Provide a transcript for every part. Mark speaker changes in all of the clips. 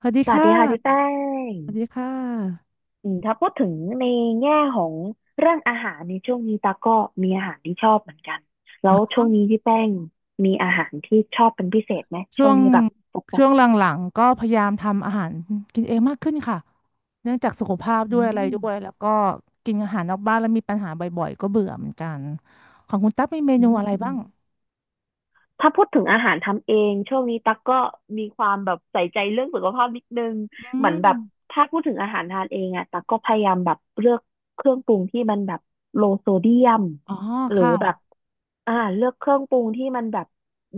Speaker 1: สวัสดี
Speaker 2: สวัส
Speaker 1: ค่
Speaker 2: ดีค่ะพี่แป้
Speaker 1: ะ
Speaker 2: ง
Speaker 1: สวัสดีค่ะ
Speaker 2: อืมถ้าพูดถึงในแง่ของเรื่องอาหารในช่วงนี้ตาก็มีอาหารที่ชอบเหมือนกัน แล้
Speaker 1: เหร
Speaker 2: ว
Speaker 1: อ
Speaker 2: ช่วงนี้พี่แป้งมีอาหารที่ชอบเป็นพิเศษไหม
Speaker 1: ช่
Speaker 2: ช่
Speaker 1: ว
Speaker 2: วง
Speaker 1: ง
Speaker 2: นี้แบบปก
Speaker 1: ช่ว
Speaker 2: ติ
Speaker 1: งหลังๆก็พยายามทำอาหารกินเองมากขึ้นค่ะเนื่องจากสุขภาพ
Speaker 2: อื
Speaker 1: ด้วยอะไร
Speaker 2: ม
Speaker 1: ด้วยแล้วก็กินอาหารนอกบ้านแล้วมีปัญหาบ่อยๆก็เบื่อเหมือนกันของคุณตั๊กมีเม
Speaker 2: อื
Speaker 1: นูอะไรบ้าง
Speaker 2: มถ้าพูดถึงอาหารทำเองช่วงนี้ตาก็มีความแบบใส่ใจเรื่องสุขภาพนิดนึง
Speaker 1: อื
Speaker 2: เหมือน
Speaker 1: ม
Speaker 2: แบบถ้าพูดถึงอาหารทานเองอะตาก็พยายามแบบเลือกเครื่องปรุงที่มันแบบโลโซเดียม
Speaker 1: อ๋อ
Speaker 2: หรือ
Speaker 1: ค่ะ
Speaker 2: แบบอ่าเลือกเครื่องปรุงที่มันแบบ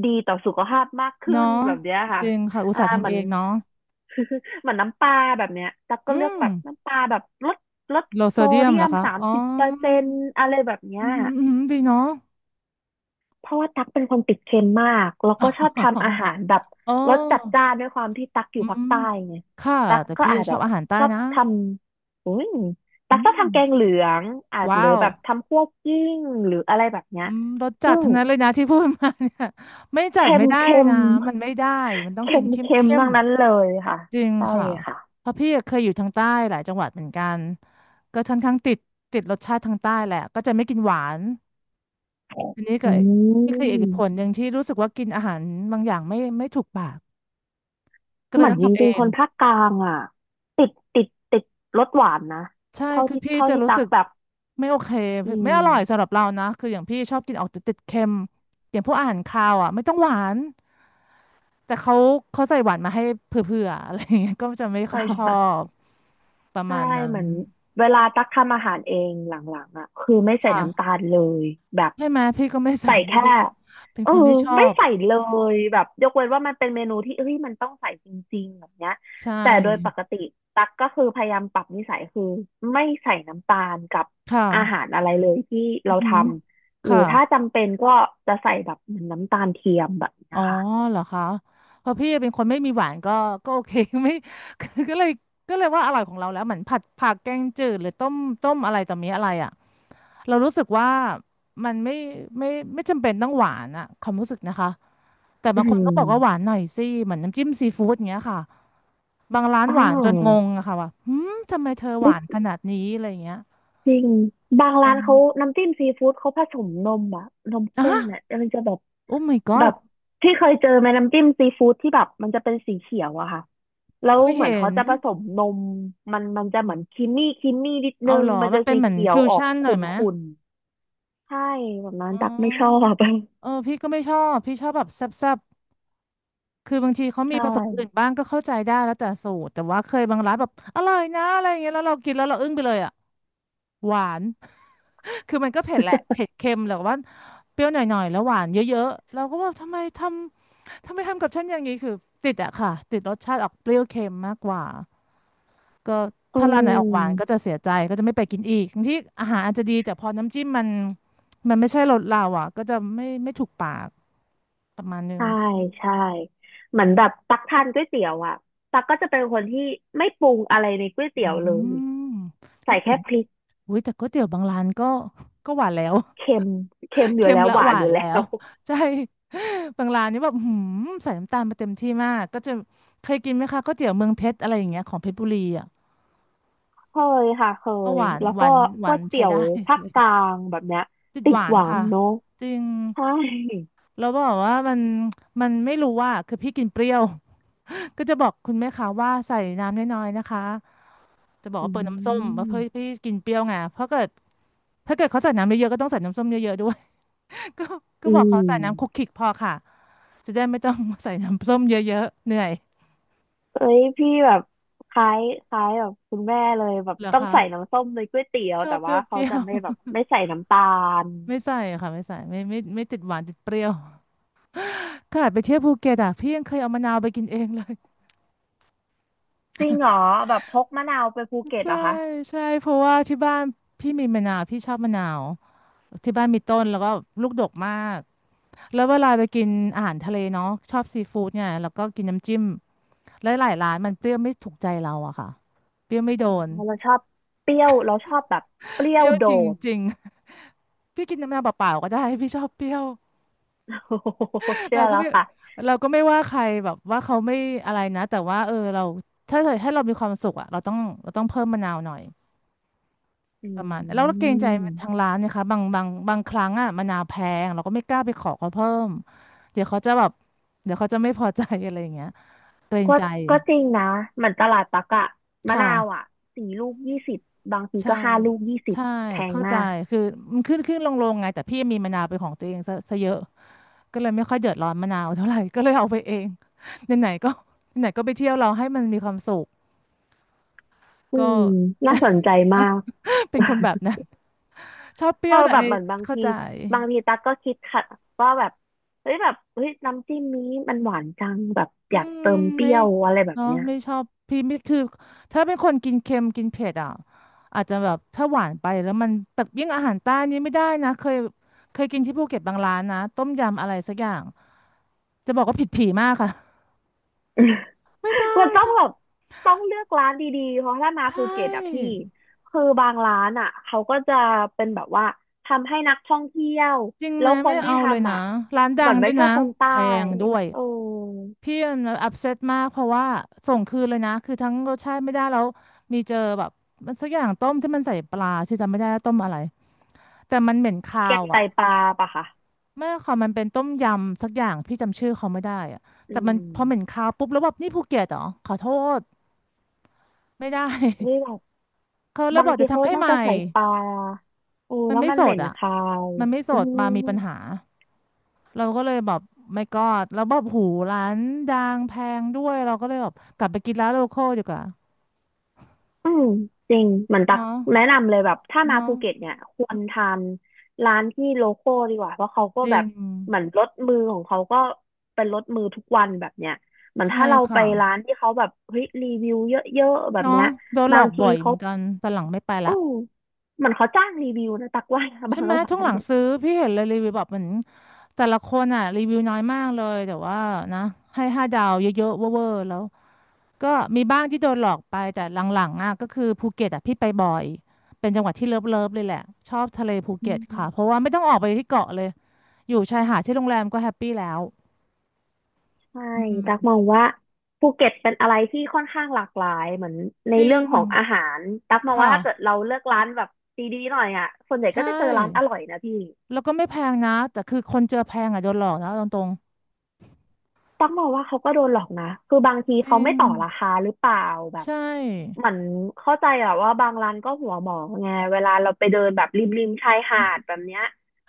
Speaker 2: ดี ขึ้
Speaker 1: เนาะ
Speaker 2: นแบบเนี้ย
Speaker 1: จ
Speaker 2: ค่ะ
Speaker 1: ริงค่ะอุต
Speaker 2: อ่า
Speaker 1: ส่าห์
Speaker 2: เห
Speaker 1: ทำ
Speaker 2: มื
Speaker 1: เอ
Speaker 2: อน
Speaker 1: งเนาะ
Speaker 2: เหมือนน้ำปลาแบบเนี้ยตัก
Speaker 1: อื
Speaker 2: ก็เลือก
Speaker 1: ม
Speaker 2: แบบน้ำปลาแบบลดลด
Speaker 1: โลโซ
Speaker 2: โซ
Speaker 1: เดียม
Speaker 2: เดี
Speaker 1: เห
Speaker 2: ย
Speaker 1: รอ
Speaker 2: ม
Speaker 1: คะ
Speaker 2: สาม
Speaker 1: อ๋อ
Speaker 2: สิบเปอร์เซ็นต์อะไรแบบเนี้
Speaker 1: อื
Speaker 2: ย
Speaker 1: มอืมดีเนาะ
Speaker 2: เพราะว่าตักเป็นคนติดเค็มมากแล้วก็ชอบ
Speaker 1: อ๋
Speaker 2: ทำอา
Speaker 1: อ
Speaker 2: หารแบบ
Speaker 1: อ๋อ
Speaker 2: รสจัดจ้านด้วยความที่ตักอ
Speaker 1: อื
Speaker 2: ยู่ภาค
Speaker 1: ม
Speaker 2: ใต้ไง
Speaker 1: ค่ะ
Speaker 2: ตัก
Speaker 1: แต่
Speaker 2: ก็
Speaker 1: พี่
Speaker 2: อาจ
Speaker 1: ช
Speaker 2: แบ
Speaker 1: อ
Speaker 2: บ
Speaker 1: บอาหารใต้
Speaker 2: ชอบ
Speaker 1: นะ
Speaker 2: ทำอุ้ยตั
Speaker 1: อื
Speaker 2: กชอบ
Speaker 1: ม
Speaker 2: ทำแกงเหลือง อาจห
Speaker 1: ว้า
Speaker 2: รือ
Speaker 1: ว
Speaker 2: แบบทำคั่วกลิ้งหรืออะไรแบบเนี้ย
Speaker 1: อืมรสจั
Speaker 2: ซึ่
Speaker 1: ด
Speaker 2: ง
Speaker 1: ทั้งนั้นเลยนะ ที่พูดมาเนี่ยไม่จัด
Speaker 2: เค็
Speaker 1: ไม่
Speaker 2: ม
Speaker 1: ได้
Speaker 2: เค็ม
Speaker 1: นะมันไม่ได้มันต้อง
Speaker 2: เค็
Speaker 1: กิน
Speaker 2: ม
Speaker 1: เข้ม
Speaker 2: เค็ม
Speaker 1: เข้ม
Speaker 2: ทั้งนั้นเลยค่ะ
Speaker 1: จริง
Speaker 2: ใช่
Speaker 1: ค่ะ
Speaker 2: ค่ะ
Speaker 1: เพราะพี่เคยอยู่ทางใต้หลายจังหวัดเหมือนกันก็ค่อนข้างติดติดรสชาติทางใต้แหละก็จะไม่กินหวานอันนี้ก็
Speaker 2: อื
Speaker 1: นี่คืออีกผลห
Speaker 2: ม
Speaker 1: นึ่งที่รู้สึกว่ากินอาหารบางอย่างไม่ถูกปากก็เล
Speaker 2: เห
Speaker 1: ย
Speaker 2: มือ
Speaker 1: ต้
Speaker 2: น
Speaker 1: อง
Speaker 2: จ
Speaker 1: ทำเอ
Speaker 2: ริงๆค
Speaker 1: ง
Speaker 2: นภาคกลางอ่ะติดติดติดรสหวานนะ
Speaker 1: ใช่
Speaker 2: เท่า
Speaker 1: คือ
Speaker 2: ที่
Speaker 1: พี่
Speaker 2: เท่า
Speaker 1: จะ
Speaker 2: ที่
Speaker 1: รู้
Speaker 2: ตั
Speaker 1: สึ
Speaker 2: ก
Speaker 1: ก
Speaker 2: แบบ
Speaker 1: ไม่โอเค
Speaker 2: อื
Speaker 1: ไม่
Speaker 2: ม
Speaker 1: อร่อยสำหรับเรานะ คืออย่างพี่ชอบกินออกติดๆเค็มอย่างพวกอาหารคาวอ่ะไม่ต้องหวาน แต่เขาใส่หวานมาให้เผื่อๆอะไรอย่างเงี้ยก็จะไม่ค่อยชอ บประ
Speaker 2: ใช่
Speaker 1: มาณนั้
Speaker 2: เห
Speaker 1: น
Speaker 2: มือนเวลาตักทำอาหารเองหลังๆอ่ะคือไม่ใส่น้ำตา
Speaker 1: ค่ะ
Speaker 2: ลเลยแบบ
Speaker 1: ใช่ไหมพี่ก็ไม่ใส่
Speaker 2: ใส่
Speaker 1: ก็
Speaker 2: แค่
Speaker 1: เป็นเป็น
Speaker 2: เอ
Speaker 1: ค
Speaker 2: อ
Speaker 1: นไม่ชอ
Speaker 2: ไม่
Speaker 1: บ
Speaker 2: ใส่เลยแบบยกเว้นว่ามันเป็นเมนูที่เอ้ยมันต้องใส่จริงๆแบบเนี้ย
Speaker 1: ใช่
Speaker 2: แต่โดยปกติตักก็คือพยายามปรับนิสัยคือไม่ใส่น้ำตาลกับ
Speaker 1: ค่ะ
Speaker 2: อาหารอะไรเลยที่
Speaker 1: อื
Speaker 2: เรา
Speaker 1: อ
Speaker 2: ท
Speaker 1: หือ
Speaker 2: ำหรือ
Speaker 1: ค่ะ
Speaker 2: ถ้าจำเป็นก็จะใส่แบบเหมือนน้ำตาลเทียมแบบเนี้
Speaker 1: อ๋
Speaker 2: ย
Speaker 1: อ
Speaker 2: ค่ะ
Speaker 1: เหรอคะเพราะพี่เป็นคนไม่มีหวานก็ก็โอเค ไม่คือก็เลยก็เลยว่าอร่อยของเราแล้วเหมือนผัดผักแกงจืดหรือต้มต้มอะไรต่อมีอะไรอ่ะเรารู้สึกว่ามันไม่ไม่จำเป็นต้องหวานอะความรู้สึกนะคะแต่
Speaker 2: อื
Speaker 1: บางคนก็
Speaker 2: ม
Speaker 1: บอกว่าหวานหน่อยสิเหมือนน้ำจิ้มซีฟู้ดอย่างเงี้ยค่ะบางร้าน
Speaker 2: อ่
Speaker 1: หวานจนง
Speaker 2: า
Speaker 1: งอะค่ะว่าหืมทำไมเธอหวานขนาดนี้อะไรอย่างเงี้ย
Speaker 2: จริงบา
Speaker 1: อื
Speaker 2: งร้าน
Speaker 1: ม
Speaker 2: เขาน้ำจิ้มซีฟู้ดเขาผสมนมอะนม
Speaker 1: อ่ะ
Speaker 2: ข้นอะมันจะแบบ
Speaker 1: โอ้ my
Speaker 2: แบ
Speaker 1: god
Speaker 2: บที่เคยเจอไหมน้ำจิ้มซีฟู้ดที่แบบมันจะเป็นสีเขียวอะค่ะแล้ว
Speaker 1: เคย
Speaker 2: เหมือน
Speaker 1: เห็
Speaker 2: เขา
Speaker 1: น
Speaker 2: จะผสมนมมันมันจะเหมือนครีมมี่ครีมมี่นิดนึ
Speaker 1: เอา
Speaker 2: ง
Speaker 1: เหรอ
Speaker 2: มัน
Speaker 1: มั
Speaker 2: จะ
Speaker 1: นเป็น
Speaker 2: สี
Speaker 1: เหมือน
Speaker 2: เขียว
Speaker 1: ฟิว
Speaker 2: ออก
Speaker 1: ชั่นหน่
Speaker 2: ขุ
Speaker 1: อยไหม
Speaker 2: ่นๆใช่แบบนั้น
Speaker 1: อ๋
Speaker 2: ตักไม่ชอ
Speaker 1: อ
Speaker 2: บ
Speaker 1: เออพี่ก็ไม่ชอบพี่ชอบแบบแซ่บๆคือบางทีเขา
Speaker 2: ใช
Speaker 1: มีผสมอื่น
Speaker 2: ่
Speaker 1: บ้างก็เข้าใจได้แล้วแต่สูตรแต่ว่าเคยบางร้านแบบอร่อยนะอะไรอย่างเงี้ยแล้วเรากินแล้วเราอึ้งไปเลยอ่ะ หวาน คือมันก็เผ็ดแหละ เผ็ดเค็มแต่ว่าเปรี้ยวหน่อยๆแล้วหวานเยอะๆ เราก็ว่าทำไมทำกับฉันอย่างนี้ คือติดอะค่ะติดรสชาติออกเปรี้ยวเค็มมากกว่าก็
Speaker 2: อื
Speaker 1: ถ้าร้านไหนออกหวานก็
Speaker 2: ม
Speaker 1: จะเสียใจก็จะไม่ไปกินอีกบางที่อาหารอาจจะดีแต่พอน้ำจิ้มมันไม่ใช่รสเราอ่ะก็จะไม่ถูกปาก ประมาณนึง
Speaker 2: ใช่ใช่เหมือนแบบตักทานก๋วยเตี๋ยวอ่ะตักก็จะเป็นคนที่ไม่ปรุงอะไรในก๋วยเตี๋
Speaker 1: อื
Speaker 2: ยวเลย
Speaker 1: มก็
Speaker 2: ใส่
Speaker 1: ถึ
Speaker 2: แค่
Speaker 1: ง
Speaker 2: พริก
Speaker 1: อุ้ยแต่ก๋วยเตี๋ยวบางร้านก็ก็หวานแล้ว
Speaker 2: เค็มเค็ม อยู่
Speaker 1: เค็ม
Speaker 2: แล้ว
Speaker 1: และ
Speaker 2: หวา
Speaker 1: ห
Speaker 2: น
Speaker 1: วา
Speaker 2: อ
Speaker 1: น
Speaker 2: ยู่
Speaker 1: แล้
Speaker 2: แล้
Speaker 1: ว
Speaker 2: ว
Speaker 1: ใช่ บางร้านนี่แบบหืมใส่น้ำตาลมาเต็มที่มาก ก็จะเคยกินไหมคะก๋วยเตี๋ยวเมืองเพชรอะไรอย่างเงี้ยของเพชรบุรีอ่ะ
Speaker 2: เคยค่ะเค
Speaker 1: ก็ห
Speaker 2: ย
Speaker 1: วาน
Speaker 2: แล้ว
Speaker 1: หวา
Speaker 2: ก็
Speaker 1: นห
Speaker 2: ก๋
Speaker 1: วา
Speaker 2: ว
Speaker 1: น
Speaker 2: ย
Speaker 1: ใช้
Speaker 2: เตี๋ยว
Speaker 1: ได้
Speaker 2: ภา ค
Speaker 1: เลย
Speaker 2: กลางแบบเนี้ย
Speaker 1: ติด
Speaker 2: ติ
Speaker 1: ห
Speaker 2: ด
Speaker 1: วาน
Speaker 2: หวาน
Speaker 1: ค่ะ
Speaker 2: เนาะ
Speaker 1: จริง
Speaker 2: ใช่
Speaker 1: แล้วบอกว่ามันไม่รู้ว่าคือพี่กินเปรี้ยว ก็จะบอกคุณแม่ค้าว่าใส่น้ำน้อยๆนะคะจะบอก
Speaker 2: อื
Speaker 1: ว่าเปิดน้ำส้มมาเพื่อ
Speaker 2: ม
Speaker 1: พี่กินเปรี้ยวไงเพราะเกิด ถ้าเกิดเขาใส่น้ำเยอะๆก็ต้องใส่น้ำส้มเยอะๆด้วย ก็ก็
Speaker 2: อื
Speaker 1: บอกเขา
Speaker 2: ม
Speaker 1: ใส่น้ำคลุกคลิกพอค่ะจะได้ไม่ต้องใส่น้ำส้มเยอะๆเหนื่อย
Speaker 2: เอ้ยพี่แบบคล้ายคล้ายแบบคุณแม่เลยแบบ
Speaker 1: เหรอ
Speaker 2: ต้อง
Speaker 1: คะ
Speaker 2: ใส่น้ำส้มในก๋วยเตี๋ยว
Speaker 1: ชอ
Speaker 2: แต่
Speaker 1: บเปรี้
Speaker 2: ว่า
Speaker 1: ยว
Speaker 2: เขาจะไม่แบบไม่ใส่น้ำตาล
Speaker 1: ๆ ไม่ใส่ค่ะไม่ใส่ไม่ติดหวานติดเปรี้ยว ขนาดไปเที่ยวภูเก็ตอะพี่ยังเคยเอามะนาวไปกินเองเลย
Speaker 2: จริงเหรอแบบพกมะนาวไปภูเก็ต
Speaker 1: ใช่
Speaker 2: เหรอคะ
Speaker 1: ใช่เพราะว่าที่บ้านพี่มีมะนาวพี่ชอบมะนาวที่บ้านมีต้นแล้วก็ลูกดกมากแล้วเวลาไปกินอาหารทะเลเนาะชอบซีฟู้ดเนี่ยแล้วก็กินน้ำจิ้มแล้วหลายร้านมันเปรี้ยวไม่ถูกใจเราอะค่ะเปรี้ยวไม่โดน
Speaker 2: เราชอบเปรี้ยวเราชอบแบบเปรี้
Speaker 1: เป
Speaker 2: ยว
Speaker 1: รี้ยว
Speaker 2: โด
Speaker 1: จ
Speaker 2: ด
Speaker 1: ริงๆพี่กินน้ำมะนาวเปล่าๆก็ได้พี่ชอบเปรี้ยว
Speaker 2: โอ้โเชื่
Speaker 1: เรา
Speaker 2: อ
Speaker 1: ก็
Speaker 2: แล้ว
Speaker 1: ไม่
Speaker 2: ค่ะ
Speaker 1: เราก็ไม่ว่าใครแบบว่าเขาไม่อะไรนะแต่ว่าเออเราถ้าเกิดให้เรามีความสุขอะเราต้องเพิ่มมะนาวหน่อย
Speaker 2: อื
Speaker 1: ประมาณแล้วเราเกรงใจทาง
Speaker 2: ม
Speaker 1: ร้านนะคะบางครั้งอ่ะมะนาวแพงเราก็ไม่กล้าไปขอเขาเพิ่มเดี๋ยวเขาจะแบบเดี๋ยวเขาจะไม่พอใจ อะไรอย่างเงี้ยเกรง
Speaker 2: ก็
Speaker 1: ใจ
Speaker 2: ก็จริงนะเหมือนตลาดปักอะมะนาว
Speaker 1: ค่ะ
Speaker 2: อะ4 ลูก 20บางที
Speaker 1: ใช่
Speaker 2: ก็5 ลูก 20
Speaker 1: ใช่
Speaker 2: แพง
Speaker 1: เข้า
Speaker 2: มา
Speaker 1: ใจ
Speaker 2: ก
Speaker 1: คือมันขึ้นลงลงไงแต่พี่มีมะนาวเป็นของตัวเองซะเยอะก็เลยไม่ค่อยเดือดร้อนมะนาวเท่าไหร่ ก็เลยเอาไปเองไหนๆก็ไหนๆก็ไปเที่ยวเราให้มันมีความสุข
Speaker 2: อื
Speaker 1: ก็
Speaker 2: มน่าสนใจมาก
Speaker 1: เป็นคนแบบนั้น ชอบเป
Speaker 2: เอ
Speaker 1: รี้ย
Speaker 2: อ
Speaker 1: วแต่ั
Speaker 2: แบ
Speaker 1: น
Speaker 2: บเหมือนบาง
Speaker 1: เข้า
Speaker 2: ที
Speaker 1: ใจ
Speaker 2: บางทีตั๊กก็คิดค่ะว่าแบบเฮ้ยแบบเฮ้ยน้ำจิ้มนี้มันหวานจังแบบ
Speaker 1: อื
Speaker 2: อยาก
Speaker 1: ม
Speaker 2: เติมเป
Speaker 1: ไม่
Speaker 2: รี้ยวอะไรแบบ
Speaker 1: เนาะ
Speaker 2: เนี้ย
Speaker 1: ไม่ชอบพี่ไม่คือถ้าเป็นคนกินเค็มกินเผ็ดอ่ะอาจจะแบบถ้าหวานไปแล้วมันแต่ยิ่งอาหารใต้นี่ไม่ได้นะเคยกินที่ภูเก็ตบางร้านนะต้มยำอะไรสักอย่างจะบอกว่าผิดผีมากค่ะไม่ได้
Speaker 2: มันต้อง
Speaker 1: จ้ะ
Speaker 2: แบบต้องเลือกร้านดีๆ เพราะถ้ามา
Speaker 1: ใช
Speaker 2: ภูเก็ตอะพี่
Speaker 1: ่
Speaker 2: คือบางร้านอะเขาก็จะเป็นแบบว่าทำให้นักท่องเที่ยว
Speaker 1: จริงไห
Speaker 2: แล้
Speaker 1: ม
Speaker 2: วคน
Speaker 1: ไม่
Speaker 2: ที่
Speaker 1: เอาเลย
Speaker 2: ทำ
Speaker 1: นะ
Speaker 2: อะ
Speaker 1: ร้านดั
Speaker 2: เหมื
Speaker 1: ง
Speaker 2: อน
Speaker 1: ด้
Speaker 2: ไม่
Speaker 1: วย
Speaker 2: ใช่
Speaker 1: นะ
Speaker 2: คนใต้
Speaker 1: แพงด้วย
Speaker 2: เออ
Speaker 1: พี่มันอัพเซตมากเพราะว่าส่งคืนเลยนะคือทั้งรสชาติไม่ได้แล้วมีเจอแบบมันสักอย่างต้มที่มันใส่ปลาชื่อจำไม่ได้แล้วต้มอะไรแต่มันเหม็นคา
Speaker 2: แก
Speaker 1: ว
Speaker 2: งไต
Speaker 1: อ่ะ
Speaker 2: ปลาปะคะ
Speaker 1: ไม่ค่ะมันเป็นต้มยำสักอย่างพี่จำชื่อเขาไม่ได้อะ
Speaker 2: อื
Speaker 1: แต่มันพอเหม็น
Speaker 2: ม
Speaker 1: คาวปุ๊บแล้วแบบนี่ภูเก็ตเหรอขอโทษไม่ได้
Speaker 2: นี่แบบ
Speaker 1: เขาแล้ว
Speaker 2: บา
Speaker 1: บ
Speaker 2: ง
Speaker 1: อก
Speaker 2: ที
Speaker 1: จะ
Speaker 2: เขา
Speaker 1: ทำให้
Speaker 2: น่า
Speaker 1: ใหม่
Speaker 2: จะใส่ปลาเออ
Speaker 1: มัน
Speaker 2: แล้ว
Speaker 1: ไม่
Speaker 2: มัน
Speaker 1: ส
Speaker 2: เหม็
Speaker 1: ด
Speaker 2: น
Speaker 1: อ่ะ
Speaker 2: คาว
Speaker 1: มันไม่ส
Speaker 2: อื
Speaker 1: ดมามี
Speaker 2: ม
Speaker 1: ปัญหาเราก็เลยแบบไม่กอดแล้วแบบหูร้านดังแพงด้วยเราก็เลยแบบกลับไปกินร้านโลคอลดีกว่า
Speaker 2: อืมจริงเหมือนตัก
Speaker 1: เนาะ
Speaker 2: แนะนำเลยแบบถ้ามา
Speaker 1: เนาะ
Speaker 2: ภูเก็ตเนี่ยควรทานร้านที่โลคอลดีกว่าเพราะเขาก็
Speaker 1: จริ
Speaker 2: แบ
Speaker 1: ง
Speaker 2: บเหมือนรสมือของเขาก็เป็นรสมือทุกวันแบบเนี้ยเหมือน
Speaker 1: ใช่
Speaker 2: ถ้าเราไป
Speaker 1: ค่ะ
Speaker 2: ร้านที่เขาแบบเฮ้ยรีวิวเยอะๆแบบ
Speaker 1: เนาะ
Speaker 2: เนี้ย
Speaker 1: โดนหล
Speaker 2: บา
Speaker 1: อ
Speaker 2: ง
Speaker 1: ก
Speaker 2: ที
Speaker 1: บ่อยเห
Speaker 2: เขา
Speaker 1: มือนกันตอนหลังไม่ไป
Speaker 2: อื
Speaker 1: ละ
Speaker 2: มเหมือนเขาจ้างรีวิวนะตักว่า บา
Speaker 1: ใช่
Speaker 2: ง
Speaker 1: ไหม
Speaker 2: ร้า
Speaker 1: ช่วง
Speaker 2: น
Speaker 1: หลัง
Speaker 2: เนี่ย
Speaker 1: ซื้อพี่เห็นเลยรีวิวแบบเหมือนแต่ละคนอ่ะรีวิวน้อยมากเลยแต่ว่านะให้ห้าดาวเยอะๆเวอร์ๆแล้วก็มีบ้างที่โดนหลอกไปแต่หลังๆอ่ะก็คือภูเก็ตอ่ะพี่ไปบ่อยเป็นจังหวัดที่เลิฟๆเลยแหละชอบทะเลภู
Speaker 2: อื
Speaker 1: เก็ตค่ะเพราะ
Speaker 2: ม
Speaker 1: ว่าไม่ต้องออกไปที่เกาะเลยอยู่ชายหาดที่โรงแรมก็แฮปปี้แล้ว
Speaker 2: ใช่
Speaker 1: อืม
Speaker 2: ตักมองว่าภูเก็ตเป็นอะไรที่ค่อนข้างหลากหลายเหมือนใน
Speaker 1: จริ
Speaker 2: เรื่อง
Speaker 1: ง
Speaker 2: ของอาหารตักมอง
Speaker 1: ค่ะ
Speaker 2: ว่าถ้าเกิดเราเลือกร้านแบบดีๆหน่อยอ่ะส่วนใหญ่
Speaker 1: ใช
Speaker 2: ก็จะเจอร้านอ
Speaker 1: ่
Speaker 2: ร่อยนะพี่
Speaker 1: แล้วก็ไม่แพงนะแต่คือคนเจอแพงอ่ะโดนหลอกนะเอาตรง
Speaker 2: ตักมองว่าเขาก็โดนหลอกนะคือบางที
Speaker 1: ๆจริ
Speaker 2: เขาไม่
Speaker 1: ง
Speaker 2: ต่อราคาหรือเปล่าแบบ
Speaker 1: ใช่
Speaker 2: เหมือนเข้าใจอะว่าบางร้านก็หัวหมอไงเวลาเราไปเดินแบบริมๆชายหาดแบบเนี้ย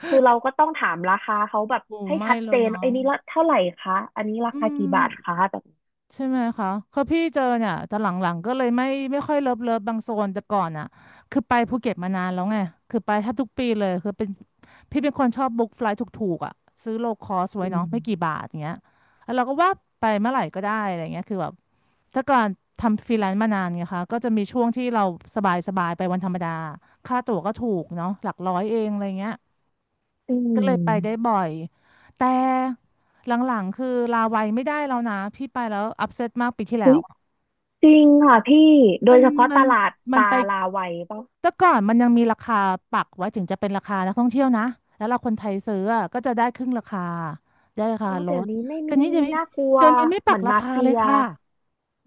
Speaker 2: คือเราก็ต้องถามราคาเขาแบบ
Speaker 1: โอ้
Speaker 2: ให้
Speaker 1: ไม่
Speaker 2: ชัด
Speaker 1: เล
Speaker 2: เจ
Speaker 1: ย
Speaker 2: นไอ้
Speaker 1: เนาะ
Speaker 2: ยนี่ละเท่าไหร่คะอันนี้รา
Speaker 1: อื
Speaker 2: คา
Speaker 1: ม
Speaker 2: กี่บาทคะแบบนี้
Speaker 1: ใช่ไหมคะคือพี่เจอเนี่ยแต่หลังๆก็เลยไม่ค่อยเลิฟบางโซนแต่ก่อนอ่ะคือไปภูเก็ตมานานแล้วไงคือไปแทบทุกปีเลยคือเป็นพี่เป็นคนชอบบุ๊กไฟลท์ถูกๆอ่ะซื้อโลคอสไว้
Speaker 2: อื
Speaker 1: เนาะ
Speaker 2: ม
Speaker 1: ไม่กี่บาทอย่างเงี้ยแล้วเราก็ว่าไปเมื่อไหร่ก็ได้อะไรเงี้ยคือแบบแต่ก่อนทำฟรีแลนซ์มานานไงคะก็จะมีช่วงที่เราสบายๆไปวันธรรมดาค่าตั๋วก็ถูกเนาะหลักร้อยเองอะไรเงี้ย
Speaker 2: อื
Speaker 1: ก็เลยไปได้
Speaker 2: ม
Speaker 1: บ่อยแต่หลังๆคือลาวัยไม่ได้แล้วนะพี่ไปแล้วอัพเซตมากปีที่แล้
Speaker 2: อุ้
Speaker 1: ว
Speaker 2: ย
Speaker 1: อะ
Speaker 2: จริงค่ะพี่โด
Speaker 1: มั
Speaker 2: ย
Speaker 1: น
Speaker 2: เฉพาะ
Speaker 1: มั
Speaker 2: ต
Speaker 1: น
Speaker 2: ลาดป
Speaker 1: มัน
Speaker 2: ลา
Speaker 1: ไป
Speaker 2: ลาวัยป่ะ
Speaker 1: แต่ก่อนมันยังมีราคาปักไว้ถึงจะเป็นราคานักท่องเที่ยวนะ แล้วเราคนไทยซื้ออะก็จะได้ครึ่งราคาได้ราคา
Speaker 2: อ๋อ
Speaker 1: ล
Speaker 2: เดี๋ยว
Speaker 1: ด
Speaker 2: นี้ไม่
Speaker 1: แต่
Speaker 2: มี
Speaker 1: นี้จะมี
Speaker 2: น่ากลัว
Speaker 1: เดี๋ยวนี้ไม่
Speaker 2: เห
Speaker 1: ปั
Speaker 2: มื
Speaker 1: ก
Speaker 2: อน
Speaker 1: รา
Speaker 2: มา
Speaker 1: คา
Speaker 2: เฟี
Speaker 1: เลย
Speaker 2: ย
Speaker 1: ค่ะ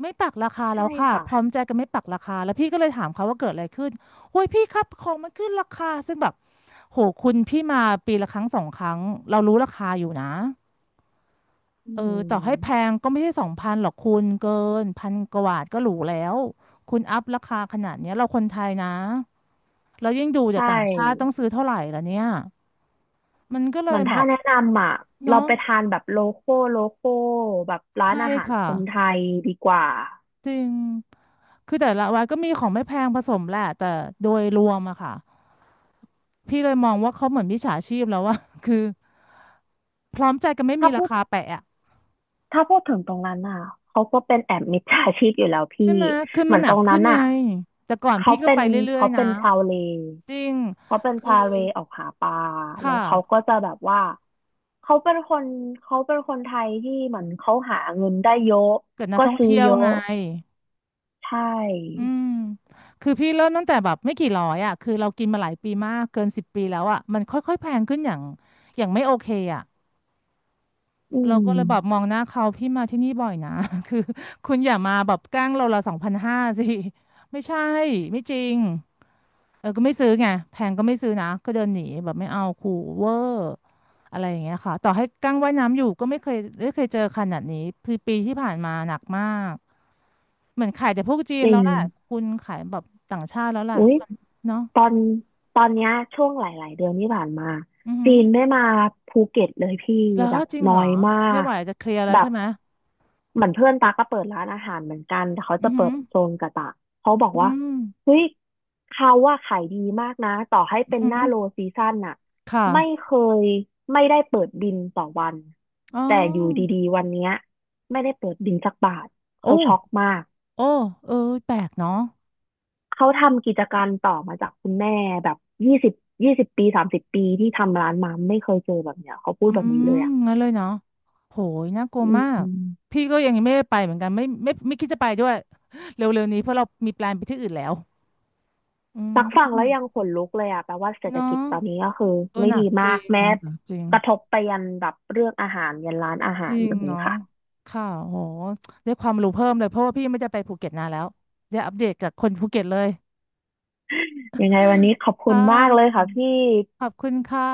Speaker 1: ไม่ปักราคาแล้
Speaker 2: ใช่
Speaker 1: วค่ะ
Speaker 2: ค่ะ
Speaker 1: พร้อมใจกันไม่ปักราคาแล้วพี่ก็เลยถามเขาว่าเกิดอะไรขึ้นโอ้ยพี่ครับของมันขึ้นราคาซึ่งแบบโหคุณพี่มาปีละครั้งสองครั้งเรารู้ราคาอยู่นะ
Speaker 2: อื
Speaker 1: เออต่อให้แพ
Speaker 2: ม
Speaker 1: งก็ไม่ใช่สองพันหรอกคุณเกินพันกว่าบาทก็หรูแล้วคุณอัพราคาขนาดเนี้ยเราคนไทยนะเรายิ่งดู
Speaker 2: ใช
Speaker 1: จากต่างชาติต้อง
Speaker 2: ่
Speaker 1: ซื้อเท่าไหร่ละเนี่ยมันก็เล
Speaker 2: เหมื
Speaker 1: ย
Speaker 2: อน
Speaker 1: แบ
Speaker 2: ถ้า
Speaker 1: บ
Speaker 2: แนะนำอ่ะเรา
Speaker 1: เนาะ
Speaker 2: ไปทานแบบโลโก้โลโก้แบบร้าน
Speaker 1: ใช่
Speaker 2: อาหาร
Speaker 1: ค่ะ
Speaker 2: คนไทยดีกว่า
Speaker 1: จริงคือแต่ละวันก็มีของไม่แพงผสมแหละแต่โดยรวมอะค่ะพี่เลยมองว่าเขาเหมือนมิจฉาชีพแล้วว่า คือพร้อมใจกันไม่มี
Speaker 2: ถ้า
Speaker 1: รา
Speaker 2: พูด
Speaker 1: คาแปะอะ
Speaker 2: ถ้าพูดถึงตรงนั้นอ่ะเขาก็เป็นแอบมิจฉาชีพอยู่แล้วพี่
Speaker 1: ใช่ไหมคือ
Speaker 2: เห
Speaker 1: มั
Speaker 2: มือ
Speaker 1: น
Speaker 2: น
Speaker 1: หนั
Speaker 2: ตร
Speaker 1: ก
Speaker 2: ง
Speaker 1: ขึ้
Speaker 2: นั้
Speaker 1: น
Speaker 2: น
Speaker 1: ไง
Speaker 2: อ่ะ
Speaker 1: แต่ก่อน
Speaker 2: เขา
Speaker 1: พี่ก็
Speaker 2: เป็
Speaker 1: ไป
Speaker 2: น
Speaker 1: เรื่อย
Speaker 2: เขา
Speaker 1: ๆนะ
Speaker 2: เป็นชาวเล
Speaker 1: จริง
Speaker 2: เขาเป็น
Speaker 1: คือ
Speaker 2: ชาวเลออกหาปลาแล้
Speaker 1: ค่ะ
Speaker 2: วเขาก็จะแบบว่า เขาเป็นคนเขาเป็นคนไทยที่เหมือนเขาหาเงินได้เยอะ
Speaker 1: เกิดนัก
Speaker 2: ก็
Speaker 1: ท่อง
Speaker 2: ซื้อ
Speaker 1: เที่ยว
Speaker 2: เย
Speaker 1: ไง
Speaker 2: อะใช
Speaker 1: อื
Speaker 2: ่
Speaker 1: มคือพี่เริ่มตั้งแต่แบบไม่กี่ร้อยอ่ะคือเรากินมาหลายปีมากเกิน10 ปีแล้วอ่ะมันค่อยๆแพงขึ้นอย่างไม่โอเคอ่ะ
Speaker 2: อื
Speaker 1: เรา
Speaker 2: ม
Speaker 1: ก็เลยแบบมองหน้าเขาพี่มาที่นี่บ่อยนะ คือคุณอย่ามาแบบแกล้งเราละสองพันห้าสิไม่ใช่ไม่จริง เออก็ไม่ซื้อไงแพงก็ไม่ซื้อนะก็เดินหนีแบบไม่เอาขู่เวอร์อะไรอย่างเงี้ยค่ะต่อให้กั้งว่ายน้ำอยู่ก็ไม่เคยเจอขนาดนี้ปีที่ผ่านมาหนักมากเหมือนขายแต่พวกจีน
Speaker 2: จริ
Speaker 1: แล้ว
Speaker 2: ง
Speaker 1: แหละคุณขายแบบต่างชาติแล้วแหละ
Speaker 2: อุ๊ย
Speaker 1: เนาะ
Speaker 2: ตอนตอนเนี้ยช่วงหลายๆเดือนที่ผ่านมา
Speaker 1: อือหื
Speaker 2: จี
Speaker 1: อ
Speaker 2: นไม่มาภูเก็ตเลยพี่
Speaker 1: แล้
Speaker 2: แบ
Speaker 1: ว
Speaker 2: บ
Speaker 1: จริง
Speaker 2: น้
Speaker 1: เห
Speaker 2: อ
Speaker 1: รอ
Speaker 2: ยมา
Speaker 1: ไม่
Speaker 2: ก
Speaker 1: ไหวจะเคลียร์แล้ว
Speaker 2: แบ
Speaker 1: ใช่
Speaker 2: บ
Speaker 1: ไหม
Speaker 2: เหมือนเพื่อนตาก็เปิดร้านอาหารเหมือนกันแต่เขา
Speaker 1: อื
Speaker 2: จะ
Speaker 1: อหื
Speaker 2: เปิ
Speaker 1: อ
Speaker 2: ดโซนกะตะเขาบอก
Speaker 1: อื
Speaker 2: ว่า
Speaker 1: ม
Speaker 2: เฮ้ยเขาว่าขายดีมากนะต่อให้
Speaker 1: อื
Speaker 2: เป็น
Speaker 1: อ
Speaker 2: ห
Speaker 1: หื
Speaker 2: น้า
Speaker 1: อ
Speaker 2: โลซีซั่นน่ะ
Speaker 1: ค
Speaker 2: ไม่
Speaker 1: ่ะ
Speaker 2: เคยไม่ได้เปิดบินต่อวัน
Speaker 1: อ๋
Speaker 2: แต่อยู่
Speaker 1: อ
Speaker 2: ดีๆวันเนี้ยไม่ได้เปิดบินสักบาท
Speaker 1: โอ้
Speaker 2: เขาช็อกมาก
Speaker 1: โอ้เออแปลกเนาะ
Speaker 2: เขาทำกิจการต่อมาจากคุณแม่แบบยี่สิบ20 ปี30 ปีที่ทำร้านมาไม่เคยเจอแบบเนี้ยเขาพูด
Speaker 1: อื
Speaker 2: แบบนี้
Speaker 1: ม
Speaker 2: เลยอ่ะ
Speaker 1: งั้นเลยเนาะโหยน่ากลัว
Speaker 2: อ
Speaker 1: มาก
Speaker 2: ืม
Speaker 1: พี่ก็ยังไม่ได้ไปเหมือนกันไม่คิดจะไปด้วย เร็วๆนี้เพราะเรามีแปลนไปที่อื่นแล้วอื
Speaker 2: ตักฟังแล้วยัง
Speaker 1: ม
Speaker 2: ขนลุกเลยอ่ะแปลว่าเศรษฐกิจ
Speaker 1: เนาะ
Speaker 2: ตอนนี้ก็คือ
Speaker 1: เออ
Speaker 2: ไม่
Speaker 1: หนั
Speaker 2: ดี
Speaker 1: กจ
Speaker 2: มา
Speaker 1: ริ
Speaker 2: ก
Speaker 1: ง
Speaker 2: แม้
Speaker 1: หนักจริง
Speaker 2: กระทบไปยันแบบเรื่องอาหารยันร้านอาหา
Speaker 1: จ
Speaker 2: ร
Speaker 1: ริง
Speaker 2: เลย
Speaker 1: เนาะ
Speaker 2: ค่ะ
Speaker 1: ค่ะโหได้ความรู้เพิ่มเลยเพราะว่าพี่ไม่ได้ไปภูเก็ตนานแล้วจะอัปเดตกับคนภูเก็ตเลย
Speaker 2: ยังไงวันนี้ขอบคุ
Speaker 1: ค่
Speaker 2: ณมากเลย
Speaker 1: ะ
Speaker 2: ค่ะพี่
Speaker 1: ขอบคุณค่ะ